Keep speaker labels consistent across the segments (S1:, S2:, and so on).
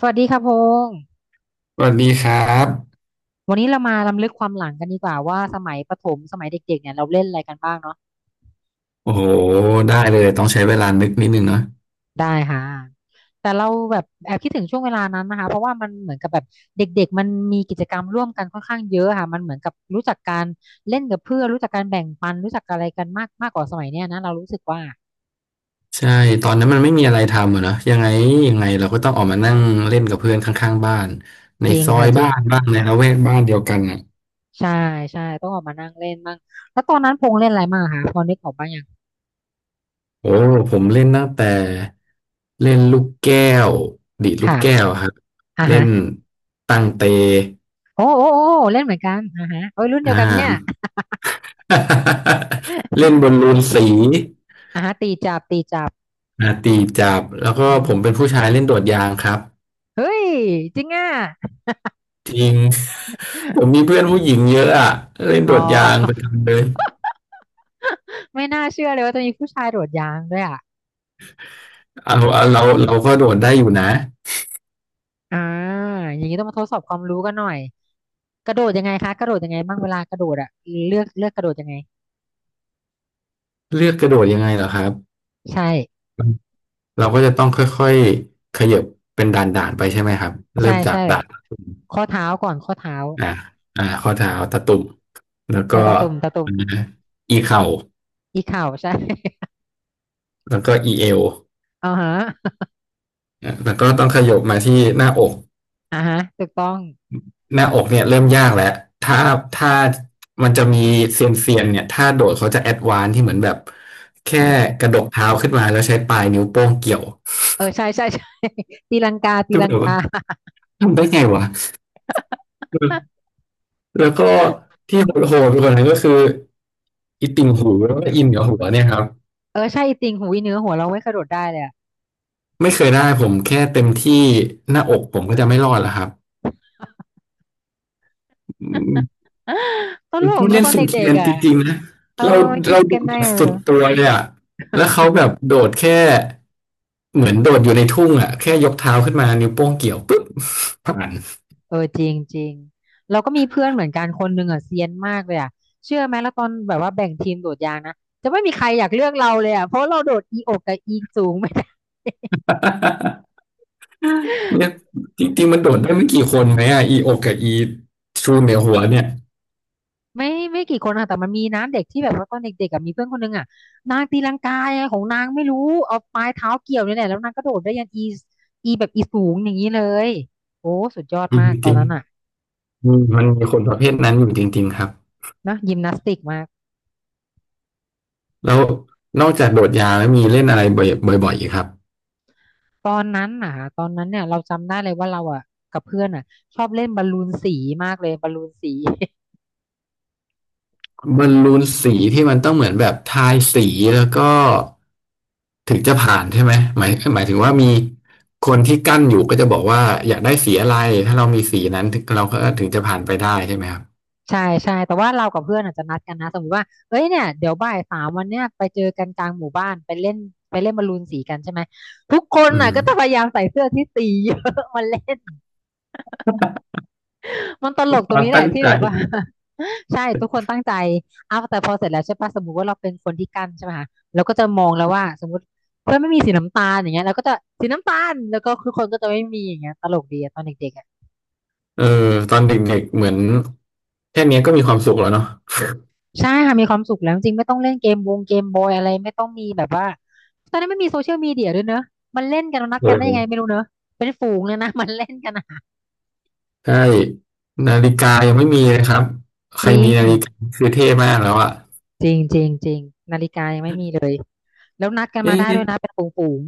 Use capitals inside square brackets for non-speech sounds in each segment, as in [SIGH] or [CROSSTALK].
S1: สวัสดีค่ะพงษ์
S2: สวัสดีครับ
S1: วันนี้เรามารำลึกความหลังกันดีกว่าว่าสมัยประถมสมัยเด็กๆเนี่ยเราเล่นอะไรกันบ้างเนาะ
S2: โอ้โหได้เลยต้องใช้เวลานึกนิดนึงเนาะ
S1: ได้ค่ะแต่เราแบบแอบคิดถึงช่วงเวลานั้นนะคะเพราะว่ามันเหมือนกับแบบเด็กๆมันมีกิจกรรมร่วมกันค่อนข้างเยอะค่ะมันเหมือนกับรู้จักการเล่นกับเพื่อนรู้จักการแบ่งปันรู้จักอะไรกันมากมากกว่าสมัยเนี้ยนะเรารู้สึกว่า
S2: ใช่ตอนนั้นมันไม่มีอะไรทำอะเนาะยังไงเราก็ต้องออกมานั่งเล่นกับเพื่อนข้างๆบ้านใน
S1: จริง
S2: ซอ
S1: ค่ะ
S2: ย
S1: จริ
S2: บ้า
S1: ง
S2: นบ้างในละแวกบ้านเดียวกันอ่ะ
S1: ใช่ใช่ต้องออกมานั่งเล่นบ้างแล้วตอนนั้นพงษ์เล่นอะไรมางคะพอนึกออกบ้างยัง
S2: โอ้ผมเล่นตั้งแต่เล่นลูกแก้วดีดลูกแก้
S1: ค่ะ
S2: วอะครับ
S1: อ่า
S2: เล่
S1: ฮะ
S2: นตั้งเต
S1: โอ้โอ้โอ้เล่นเหมือนกันอ่าฮะโอ้ยรุ่นเดีย
S2: อ่า
S1: วกันเนี่ย
S2: [LAUGHS] เล่นบอ
S1: [LAUGHS]
S2: ลลูนสี
S1: อ่าตีจับตีจับ
S2: อ่าตีจับแล้วก็
S1: อื
S2: ผมเป็น
S1: ม
S2: ผู้ชายเล่นโดดยางครับ
S1: เฮ้ยจริงอ่ะ
S2: จริง ผมมีเพื่อนผู้หญิงเยอะอะเล่น
S1: อ๋อ
S2: โดดยางประ
S1: [LAUGHS]
S2: จำเลย
S1: ไม่น่าเชื่อเลยว่าจะมีผู้ชายโดดยางด้วยอ่ะ
S2: เอาเอาเราก็โดดได้อยู่นะ
S1: อ่าอย่างนี้ต้องมาทดสอบความรู้กันหน่อยกระโดดยังไงคะกระโดดยังไงบ้างเวลากระโดดอ่ะเลือกกระโดดยังไง
S2: เลือกกระโดดยังไงเหรอครับ
S1: ใช่
S2: เราก็จะต้องค่อยๆขยับเป็นด่านๆไปใช่ไหมครับเริ่
S1: ใช่
S2: มจาก
S1: ใช่
S2: ด่านตะตุ่ม
S1: ข้อเท้าก่อนข้อเท้า
S2: อ่าอ่าข้อเท้าตะตุ่มแล้วก็
S1: ใช่ตาตุ่มตาตุ่ม
S2: อาอีเข่า
S1: อีเข่าใช่
S2: แล้วก็อีเอว
S1: [LAUGHS] อ่าฮะ
S2: อ่ะแล้วก็ต้องขยับมาที่หน้าอก
S1: อ่าฮะถูกต้อง
S2: หน้าอกเนี่ยเริ่มยากแล้วถ้าถ้ามันจะมีเซียนเนี่ยถ้าโดดเขาจะแอดวานซ์ที่เหมือนแบบแค่กระดกเท้าขึ้นมาแล้วใช้ปลายนิ้วโป้งเกี่ยว
S1: เออใช่ใช่ใช่ [LAUGHS] ตีลังกาตี
S2: คือ
S1: ลั
S2: แบ
S1: ง
S2: บว่า
S1: กา
S2: ทำได้ไงวะ
S1: [LAUGHS]
S2: แล้วก็ที่โหดๆไปกว่านั้นก็คืออีติ่งหูแล้วก็อินกับหัวเนี่ยครับ
S1: เออใช่จริงหูยเนื้อหัวเราไม่กระโดดได้เลยอะ
S2: ไม่เคยได้ผมแค่เต็มที่หน้าอกผมก็จะไม่รอดแล้วครับอื
S1: [LAUGHS]
S2: ม
S1: ต
S2: ค
S1: ล
S2: น
S1: ก
S2: ที่
S1: นะ
S2: เล่
S1: ต
S2: น
S1: อน
S2: สุน
S1: เด็
S2: เคี
S1: ก
S2: ยน
S1: ๆ
S2: จ
S1: อ่ะ
S2: ริงๆนะ
S1: เออ
S2: เรา
S1: มันคิด
S2: เราโด
S1: กัน
S2: ด
S1: ได้
S2: แบบ
S1: ไงไม่
S2: สุด
S1: รู้
S2: ตัวเลยอะแล้วเขาแบบโดดแค่ เหมือนโดดอยู่ในทุ่งอ่ะแค่ยกเท้าขึ้นมานิ้วโป้งเกี่ยวปุ๊บผ่าน
S1: เออจริงจริงเราก็มีเพื่อนเหมือนกันคนหนึ่งอ่ะเซียนมากเลยอ่ะเชื่อไหมแล้วตอนแบบว่าแบ่งทีมโดดยางนะจะไม่มีใครอยากเลือกเราเลยอ่ะเพราะเราโดดอีอกกับอีสูงไม่ได้
S2: [LAUGHS] เนี่ยจริงๆมันโดดได้ไม่กี่คนไหมอ่ะอีโอกกับอีชูเหนือหัวเนี่ย
S1: [LAUGHS] ไม่กี่คนอ่ะแต่มันมีนะเด็กที่แบบว่าตอนเด็กๆอ่ะมีเพื่อนคนหนึงอ่ะนางตีลังกาไงของนางไม่รู้เอาปลายเท้าเกี่ยวเนี่ยแหละแล้วนางก็โดดได้ยันอีอีแบบอีสูงอย่างนี้เลยโอ้สุดยอด
S2: อืม
S1: มากต
S2: จ
S1: อน
S2: ริง
S1: นั้นอ่ะ
S2: ๆอืมมันมีคนประเภทนั้นอยู่จริงๆครับ
S1: นะยิมนาสติกมาก
S2: แล้วนอกจากโดดยาวแล้วมีเล่นอะไรบ่อยๆอีกครับ
S1: ตอนนั้นน่ะตอนนั้นเนี่ยเราจำได้เลยว่าเราอ่ะกับเพื่อนอ่ะชอบเล่นบอลลูนสีมากเลยบอลลูนสี [LAUGHS]
S2: บอลลูนสีที่มันต้องเหมือนแบบทายสีแล้วก็ถึงจะผ่านใช่ไหมหมายถึงว่ามีคนที่กั้นอยู่ก็จะบอกว่าอยากได้สีอะไรถ้าเรามีสีนั้นถึงเราก็จะผ่านไปได้ใช่ไหมครับ
S1: ใช่ใช่แต่ว่าเรากับเพื่อนอาจจะนัดกันนะสมมติว่าเอ้ยเนี่ยเดี๋ยวบ่าย 3วันเนี้ยไปเจอกันกลางหมู่บ้านไปเล่นไปเล่นบอลลูนสีกันใช่ไหมทุกคน
S2: อื
S1: น่ะ
S2: ม
S1: ก็จะพยายามใส่เสื้อที่สีเยอะ [LAUGHS] มาเล่นมันตลก
S2: ค
S1: ตรง
S2: วาม
S1: นี้แห
S2: ตั้
S1: ละ
S2: ง
S1: ที่
S2: ใจ
S1: แบบว่า ใช่ทุกคนตั้งใจอ้าวแต่พอเสร็จแล้วใช่ปะสมมุติว่าเราเป็นคนที่กั้นใช่ไหมคะเราก็จะมองแล้วว่าสมมติเพื่อนไม่มีสีน้ำตาลอย่างเงี้ยเราก็จะสีน้ำตาลแล้วก็ทุกคนก็จะไม่มีอย่างเงี้ยตลกดีอะตอนเด็กๆอะ
S2: เออตอนเด็กๆเหมือนแค่เนี้ยก็มีความสุขแล้วเนาะ
S1: ใช่ค่ะมีความสุขแล้วจริงๆไม่ต้องเล่นเกมวงเกมบอยอะไรไม่ต้องมีแบบว่าตอนนั้นไม่มีโซเชียลมีเดียด้วยเนอะมันเล่นกันนนัด
S2: เอ
S1: กันได้ยังไง
S2: อ
S1: ไม่รู้เนอะเป็นฝูงเลยนะ [LAUGHS] มันเล่นกันอะ
S2: ใช่นาฬิกายังไม่มีเลยครับ ใค
S1: จ
S2: ร
S1: ริ
S2: มี
S1: ง
S2: นาฬิกาคือเท่มากแล้วอะ
S1: จริงจริงจริงนาฬิกายังไม่มีเลยแล้วนัดกัน
S2: เอ๊
S1: มาได้ด้ว
S2: ะ
S1: ยนะเป็นฝูง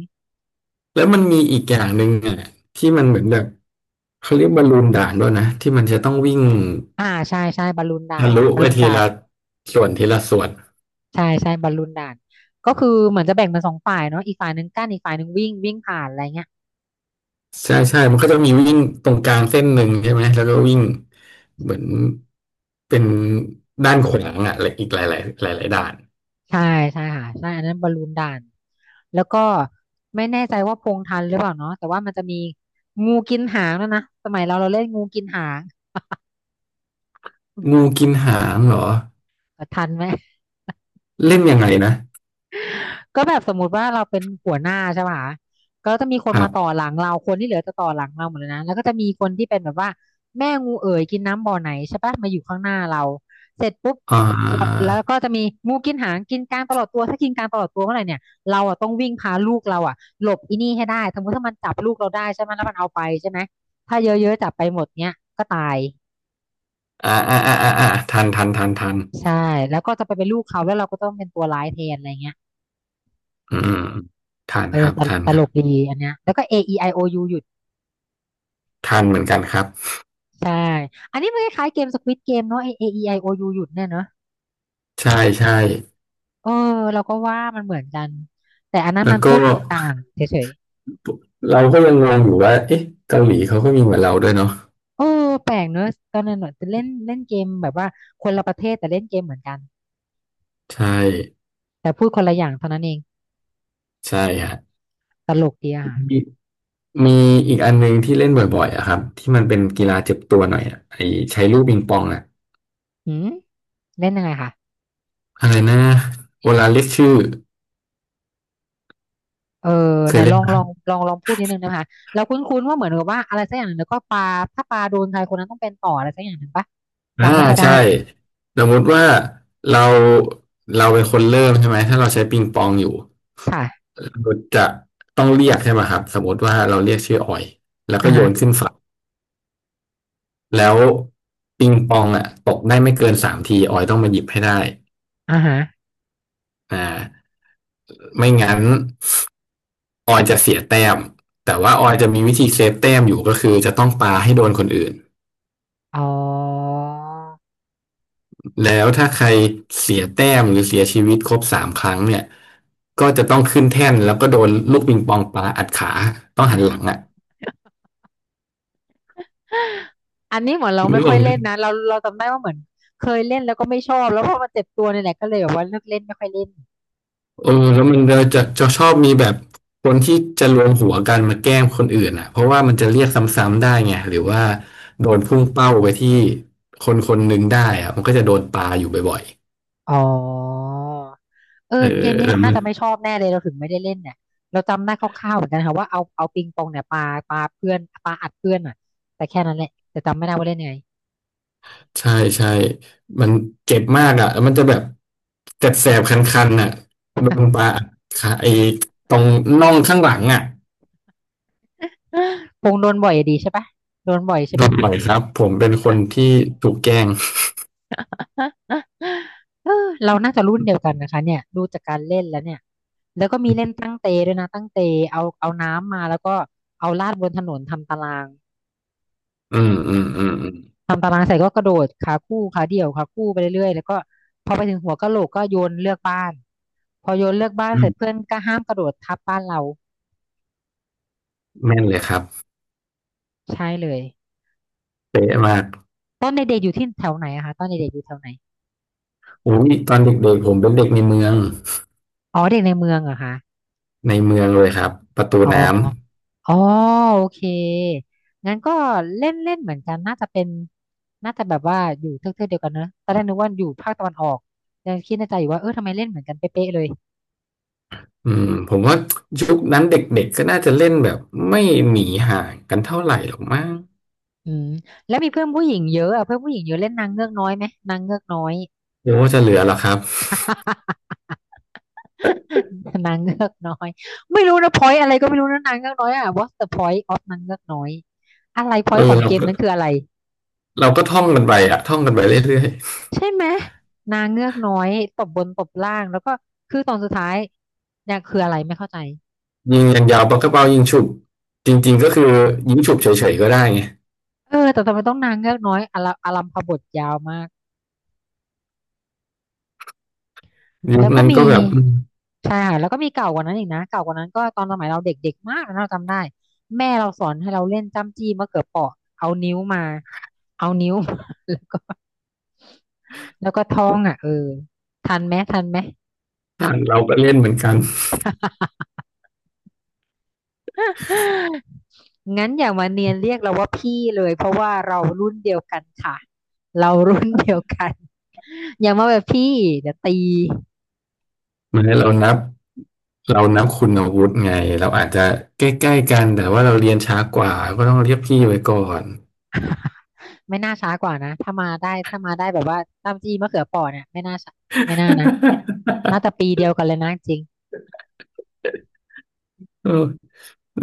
S2: แล้วมันมีอีกอย่างหนึ่งอะที่มันเหมือนแบบเขาเรียกบอลลูนด่านด้วยนะที่มันจะต้องวิ่ง
S1: ๆอ่าใช่ใช่บอลลูนด่า
S2: ทะ
S1: น
S2: ลุ
S1: ค่ะบอล
S2: ไป
S1: ลูน
S2: ที
S1: ด่าน
S2: ละส่วนทีละส่วน
S1: ใช่ใช่บอลลูนด่านก็คือเหมือนจะแบ่งเป็นสองฝ่ายเนาะอีกฝ่ายหนึ่งกั้นอีกฝ่ายหนึ่งวิ่งวิ่งผ่านอะไรเงี้ย
S2: ใช่ใช่มันก็จะมีวิ่งตรงกลางเส้นหนึ่งใช่ไหม แล้วก็วิ่งเหมือนเป็นด้านขวางอ่ะและอีกหลายหลายหลายหลายๆด่าน
S1: ใช่ใช่ค่ะใช่อันนั้นบอลลูนด่านแล้วก็ไม่แน่ใจว่าพงทันหรือเปล่าเนาะแต่ว่ามันจะมีงูกินหางด้วยนะสมัยเราเล่นงูกินหาง
S2: งูกินหางเหรอ
S1: เออทันไหม
S2: เล่นยังไงนะ
S1: ก็แบบสมมุติว่าเราเป็นหัวหน้าใช่ป่ะคะก็จะมีคน
S2: ครั
S1: มาต่อ
S2: บ
S1: หลังเราคนที่เหลือจะต่อหลังเราหมดเลยนะแล้วก็จะมีคนที่เป็นแบบว่าแม่งูเอ๋ยกินน้ำบ่อไหนใช่ป่ะมาอยู่ข้างหน้าเราเสร็จปุ๊บ
S2: อ่
S1: เรา
S2: า
S1: แล้วก็จะมีงูกินหางกินกลางตลอดตัวถ้ากินกลางตลอดตัวเมื่อไหร่เนี่ยเราอ่ะต้องวิ่งพาลูกเราอ่ะหลบอีนี่ให้ได้สมมติถ้ามันจับลูกเราได้ใช่ไหมแล้วมันเอาไปใช่ไหมถ้าเยอะๆจับไปหมดเนี้ยก็ตาย
S2: อ่าทัน
S1: ใช่แล้วก็จะไปเป็นลูกเขาแล้วเราก็ต้องเป็นตัวร้ายแทนอะไรเงี้ย
S2: อืมทัน
S1: เอ
S2: ค
S1: อ
S2: รับ
S1: ตล
S2: ทัน
S1: ต
S2: ค
S1: ล
S2: รับ
S1: กดีอันเนี้ยแล้วก็ A E I O U อโอยูอยู่
S2: ทันเหมือนกันครับ
S1: ใช่ อันนี้มันคล้ายๆเกมสควิดเกมเนาะ A E I O U หยุดเนี่ยเนาะ
S2: ใช่ใช่
S1: เออเราก็ว่ามันเหมือนกัน แต่อันนั้น
S2: แล้
S1: มั
S2: ว
S1: น
S2: ก็
S1: พูดต่างเฉย
S2: เราก็ยังงงอยู่ว่าเอ๊ะเกาหลีเขาก็มีเหมือนเราด้วยเนาะ
S1: ๆ เออแปลกเนอะตอนนั้นเนอะเล่นเล่นเกมแบบว่าคนละประเทศแต่เล่นเกมเหมือนกัน
S2: ใช่
S1: แต่พูดคนละอย่างเท่านั้นเอง
S2: ใช่ฮะ
S1: ตลกดีอะค่ะ
S2: มีอีกอันหนึงที่เล่นบ่อยๆอะครับที่มันเป็นกีฬาเจ็บตัวหน่อยอะไอใช้ลูกปิงปองอะ
S1: หืมเล่นยังไงคะ
S2: อะไรนะโอลาเรียกชื่อ
S1: เออ
S2: เค
S1: ไหน
S2: ย
S1: ล
S2: เล่
S1: อ
S2: น
S1: ง
S2: ไหม
S1: ลองลองลองพูดนิดนึงนะคะเราคุ้นๆว่าเหมือนกับว่าอะไรสักอย่างหนึ่งแล้วก็ปลาถ้าปลาโดนใครคนนั้นต้องเป็นต่ออะไรสักอย่างหนึ่งปะ
S2: อ่า
S1: จำไม่ค่อยได้
S2: ใช่สมมติว่าเราเราเป็นคนเริ่มใช่ไหมถ้าเราใช้ปิงปองอยู่
S1: ค่ะ
S2: เราจะต้องเรียกใช่ไหมครับสมมติว่าเราเรียกชื่อออยแล้วก็
S1: อ่า
S2: โย
S1: ฮะ
S2: นขึ้นฝั่งแล้วปิงปองอะตกได้ไม่เกินสามทีออยต้องมาหยิบให้ได้
S1: อ่าฮะ
S2: อ่าไม่งั้น ออยจะเสียแต้มแต่ว่าออยจะมีวิธีเซฟแต้มอยู่ก็คือจะต้องปาให้โดนคนอื่น
S1: อ๋อ
S2: แล้วถ้าใครเสียแต้มหรือเสียชีวิตครบสามครั้งเนี่ยก็จะต้องขึ้นแท่นแล้วก็โดนลูกปิงปองปาอัดขาต้องหันหลังอ่ะ
S1: อันนี้เหมือนเรา
S2: ไม่
S1: ไม่
S2: รู้
S1: ค่อย
S2: เล
S1: เล่นนะเราจำได้ว่าเหมือนเคยเล่นแล้วก็ไม่ชอบแล้วพอมาเจ็บตัวเนี่ยแหละก็เลยแบบว่าเลิกเล่นไม่ค่อยเล่น
S2: เออแล้วมันเราจะชอบมีแบบคนที่จะรวมหัวกันมาแกล้งคนอื่นอ่ะเพราะว่ามันจะเรียกซ้ำๆได้ไงหรือว่าโดนพุ่งเป้าไปที่คนคนหนึ่งได้อ่ะมันก็จะโดนปาอยู่บ่อย
S1: อ๋อเออ
S2: ๆ
S1: เกมนี้
S2: เออ
S1: เราน่าจะไม่ชอบแน่เลยเราถึงไม่ได้เล่นเนี่ยเราจำได้คร่าวๆเหมือนกันค่ะว่าเอาปิงปองเนี่ยปาปาเพื่อนปาอัดเพื่อนอ่ะแต่แค่นั้นแหละแต่จำไม่ได้ว่าเล่นยังไง
S2: ใช่ใช่มันเจ็บมากอ่ะแล้วมันจะแบบแสบๆคันๆน่ะโดนปลาอัดขาไอ้ตรงน่องข้างหลังอ่ะ
S1: [GASPS] ปงโดนบ่อยอะดีใช่ปะโดนบ่อยใช่
S2: โด
S1: ไหม
S2: นบ่อยครับผมเป็นคนที่ถูกแกล้ง
S1: เออเราน่าจะรุ่นเดียวกันนะคะเนี่ยดูจากการเล่นแล้วเนี่ยแล้วก็มีเล่นตั้งเตด้วยนะตั้งเตเอาน้ำมาแล้วก็เอาลาดบนถนนทำตาราง
S2: อืมอืมอืมอืม
S1: ทำตารางใส่ก็กระโดดขาคู่ขาเดี่ยวขาคู่ไปเรื่อยๆแล้วก็พอไปถึงหัวกะโหลกก็โยนเลือกบ้านพอโยนเลือกบ้าน
S2: อื
S1: เสร็จเพื่
S2: ม
S1: อนก็ห้ามกระโดดทับบ้านเรา
S2: แม่นเลยครับ
S1: ใช่เลย
S2: เป๊ะมาก
S1: ตอนเด็กๆอยู่ที่แถวไหนอะคะตอนเด็กๆอยู่แถวไหน
S2: อุ้ยตอนเด็กๆผมเป็นเด็กในเมือง
S1: อ๋อเด็กในเมืองเหรอะคะ
S2: ในเมืองเลยครับประตู
S1: อ๋อ
S2: น้
S1: อ๋อโอเคงั้นก็เล่นเล่นเหมือนกันน่าจะเป็นน่าจะแบบว่าอยู่เทือกๆเดียวกันเนอะตอนแรกนึกว่าอยู่ภาคตะวันออกยังคิดในใจอยู่ว่าเออทำไมเล่นเหมือนกันเป๊ะๆเลย
S2: ำอืมผมว่ายุคนั้นเด็กๆก็น่าจะเล่นแบบไม่หนีห่างกันเท่าไหร่หรอกมั้ง
S1: อืมแล้วมีเพื่อนผู้หญิงเยอะอะเพื่อนผู้หญิงเยอะเล่นนางเงือกน้อยไหมนางเงือกน้อย
S2: หรือว่าจะเหลือหรอครับ
S1: [LAUGHS] นางเงือกน้อยไม่รู้นะพอยอะไรก็ไม่รู้นะนางเงือกน้อยอะ What's the point of นางเงือกน้อยอะไรพอ
S2: เอ
S1: ยข
S2: อ
S1: อง
S2: เรา
S1: เกม
S2: ก็
S1: นั้นคืออะไร
S2: เราก็ท่องกันไปอะท่องกันไปเรื่อย
S1: ใช่ไหมนางเงือกน้อยตบบนตบล่างแล้วก็คือตอนสุดท้ายเนี่ยคืออะไรไม่เข้าใจ
S2: ๆยิงอย่างยาวปากกระเป๋ายิงฉุบจริงๆก็คือยิงฉุบเฉยๆก็ได้ไง
S1: เออแต่ทำไมต้องนางเงือกน้อยอลัอลัมพบทยาวมาก
S2: ยุ
S1: แล้
S2: ค
S1: วก็
S2: นั้น
S1: มี
S2: ก็แบบถ้
S1: ใช่ค่ะแล้วก็มีเก่ากว่านั้นอีกนะเก่ากว่านั้นก็ตอนสมัยเราเด็กๆมากนะเราจำได้แม่เราสอนให้เราเล่นจ้ำจี้มะเขือเปราะเอานิ้วมาเอานิ้ว [LAUGHS] แล้วก็แล้วก็ท้องอ่ะเออทันไหมทันไหม
S2: าเราก็เล่นเหมือนกัน
S1: [LAUGHS] งั้นอย่ามาเนียนเรียกเราว่าพี่เลยเพราะว่าเรารุ่นเดียวกันค่ะเรารุ่นเดียวกันอย่ามาแบบพี่เดี๋ยวตี
S2: เหมือนเรานับคุณอาวุธไงเราอาจจะใกล้ๆกันแต่ว่าเราเรียนช้ากว่าก็ต้องเรียกพี่ไว้ก่อน [LAUGHS]
S1: ไม่น่าช้ากว่านะ ถ้ามาได้ถ้ามาได้แบบว่าต้มจีมะเขือเปอเนี่ยไม่น่าช้าไม่น่านะ น่าจะปีเดียวกันเลยนะจริง
S2: เออ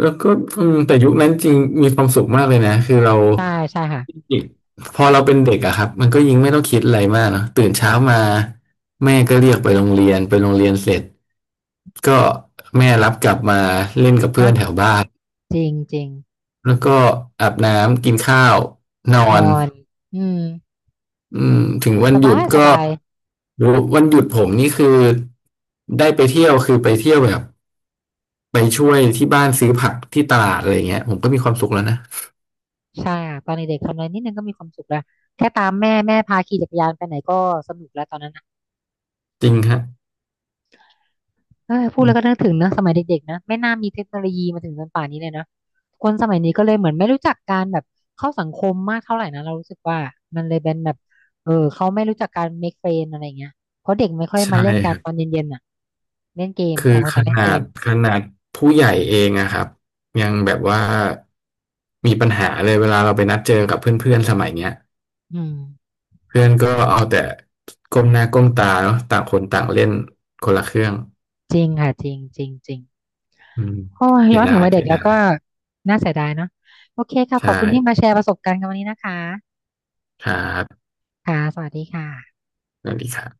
S2: แล้วก็อืมแต่ยุคนั้นจริงมีความสุขมากเลยนะคือเรา
S1: ใช่ใช่ค่ะ
S2: พอเราเป็นเด็กอะครับมันก็ยิ่งไม่ต้องคิดอะไรมากเนอะตื่นเช้ามาแม่ก็เรียกไปโรงเรียนไปโรงเรียนเสร็จก็แม่รับกลับมาเล่นกับ
S1: เนะ
S2: เพื่อนแถวบ้าน
S1: จริงจริง
S2: แล้วก็อาบน้ำกินข้าวนอ
S1: น
S2: น
S1: อน อืม
S2: อืมถึงวัน
S1: ส
S2: หยุ
S1: บา
S2: ด
S1: ยส
S2: ก็
S1: บาย
S2: วันหยุดผมนี่คือได้ไปเที่ยวคือไปเที่ยวแบบไปช่วยที่บ้านซื้อผักที่ตลาดอะไรเงี้ยผมก็มีความสุขแล้วนะ
S1: ใช่ค่ะตอนเด็กๆทำอะไรนิดนึงก็มีความสุขแล้วแค่ตามแม่แม่พาขี่จักรยานไปไหนก็สนุกแล้วตอนนั้น
S2: จริงฮะ
S1: เออพูดแล้วก็นึกถึงเนอะสมัยเด็กๆนะไม่น่ามีเทคโนโลยีมาถึงจนป่านนี้เลยนะคนสมัยนี้ก็เลยเหมือนไม่รู้จักการแบบเข้าสังคมมากเท่าไหร่นะเรารู้สึกว่ามันเลยเป็นแบบเออเขาไม่รู้จักการ make friend อะไรเงี้ยเพราะเด็กไม่ค่อย
S2: ใช่
S1: มาเล่นกั
S2: ค
S1: น
S2: รั
S1: ตอน
S2: บ
S1: เย็นๆอ่ะเล่นเกม
S2: คื
S1: ต่า
S2: อ
S1: งคน
S2: ข
S1: ต่างเล่นเก
S2: นาด
S1: ม
S2: ขนาดผู้ใหญ่เองอะครับยังแบบว่ามีปัญหาเลยเวลาเราไปนัดเจอกับเพื่อนๆสมัยเนี้ย
S1: อืม
S2: เพื่อนก็เอาแต่ก้มหน้าก้มตาเนาะต่างคนต่างเล่นคนละเครื่อง
S1: จริงค่ะจริงจริงจริง
S2: อืม
S1: โอ้ย
S2: เสี
S1: ย้
S2: ย
S1: อน
S2: ดา
S1: ถึง
S2: ย
S1: วัยเด็
S2: เสี
S1: ก
S2: ย
S1: แล้ว
S2: ดา
S1: ก็
S2: ย
S1: น่าเสียดายเนาะโอเคค่ะข
S2: ใช่
S1: อบคุณที่มาแชร์ประสบการณ์กันวันนี้นะคะ
S2: ครับ
S1: ค่ะสวัสดีค่ะ
S2: สวัสดีครับ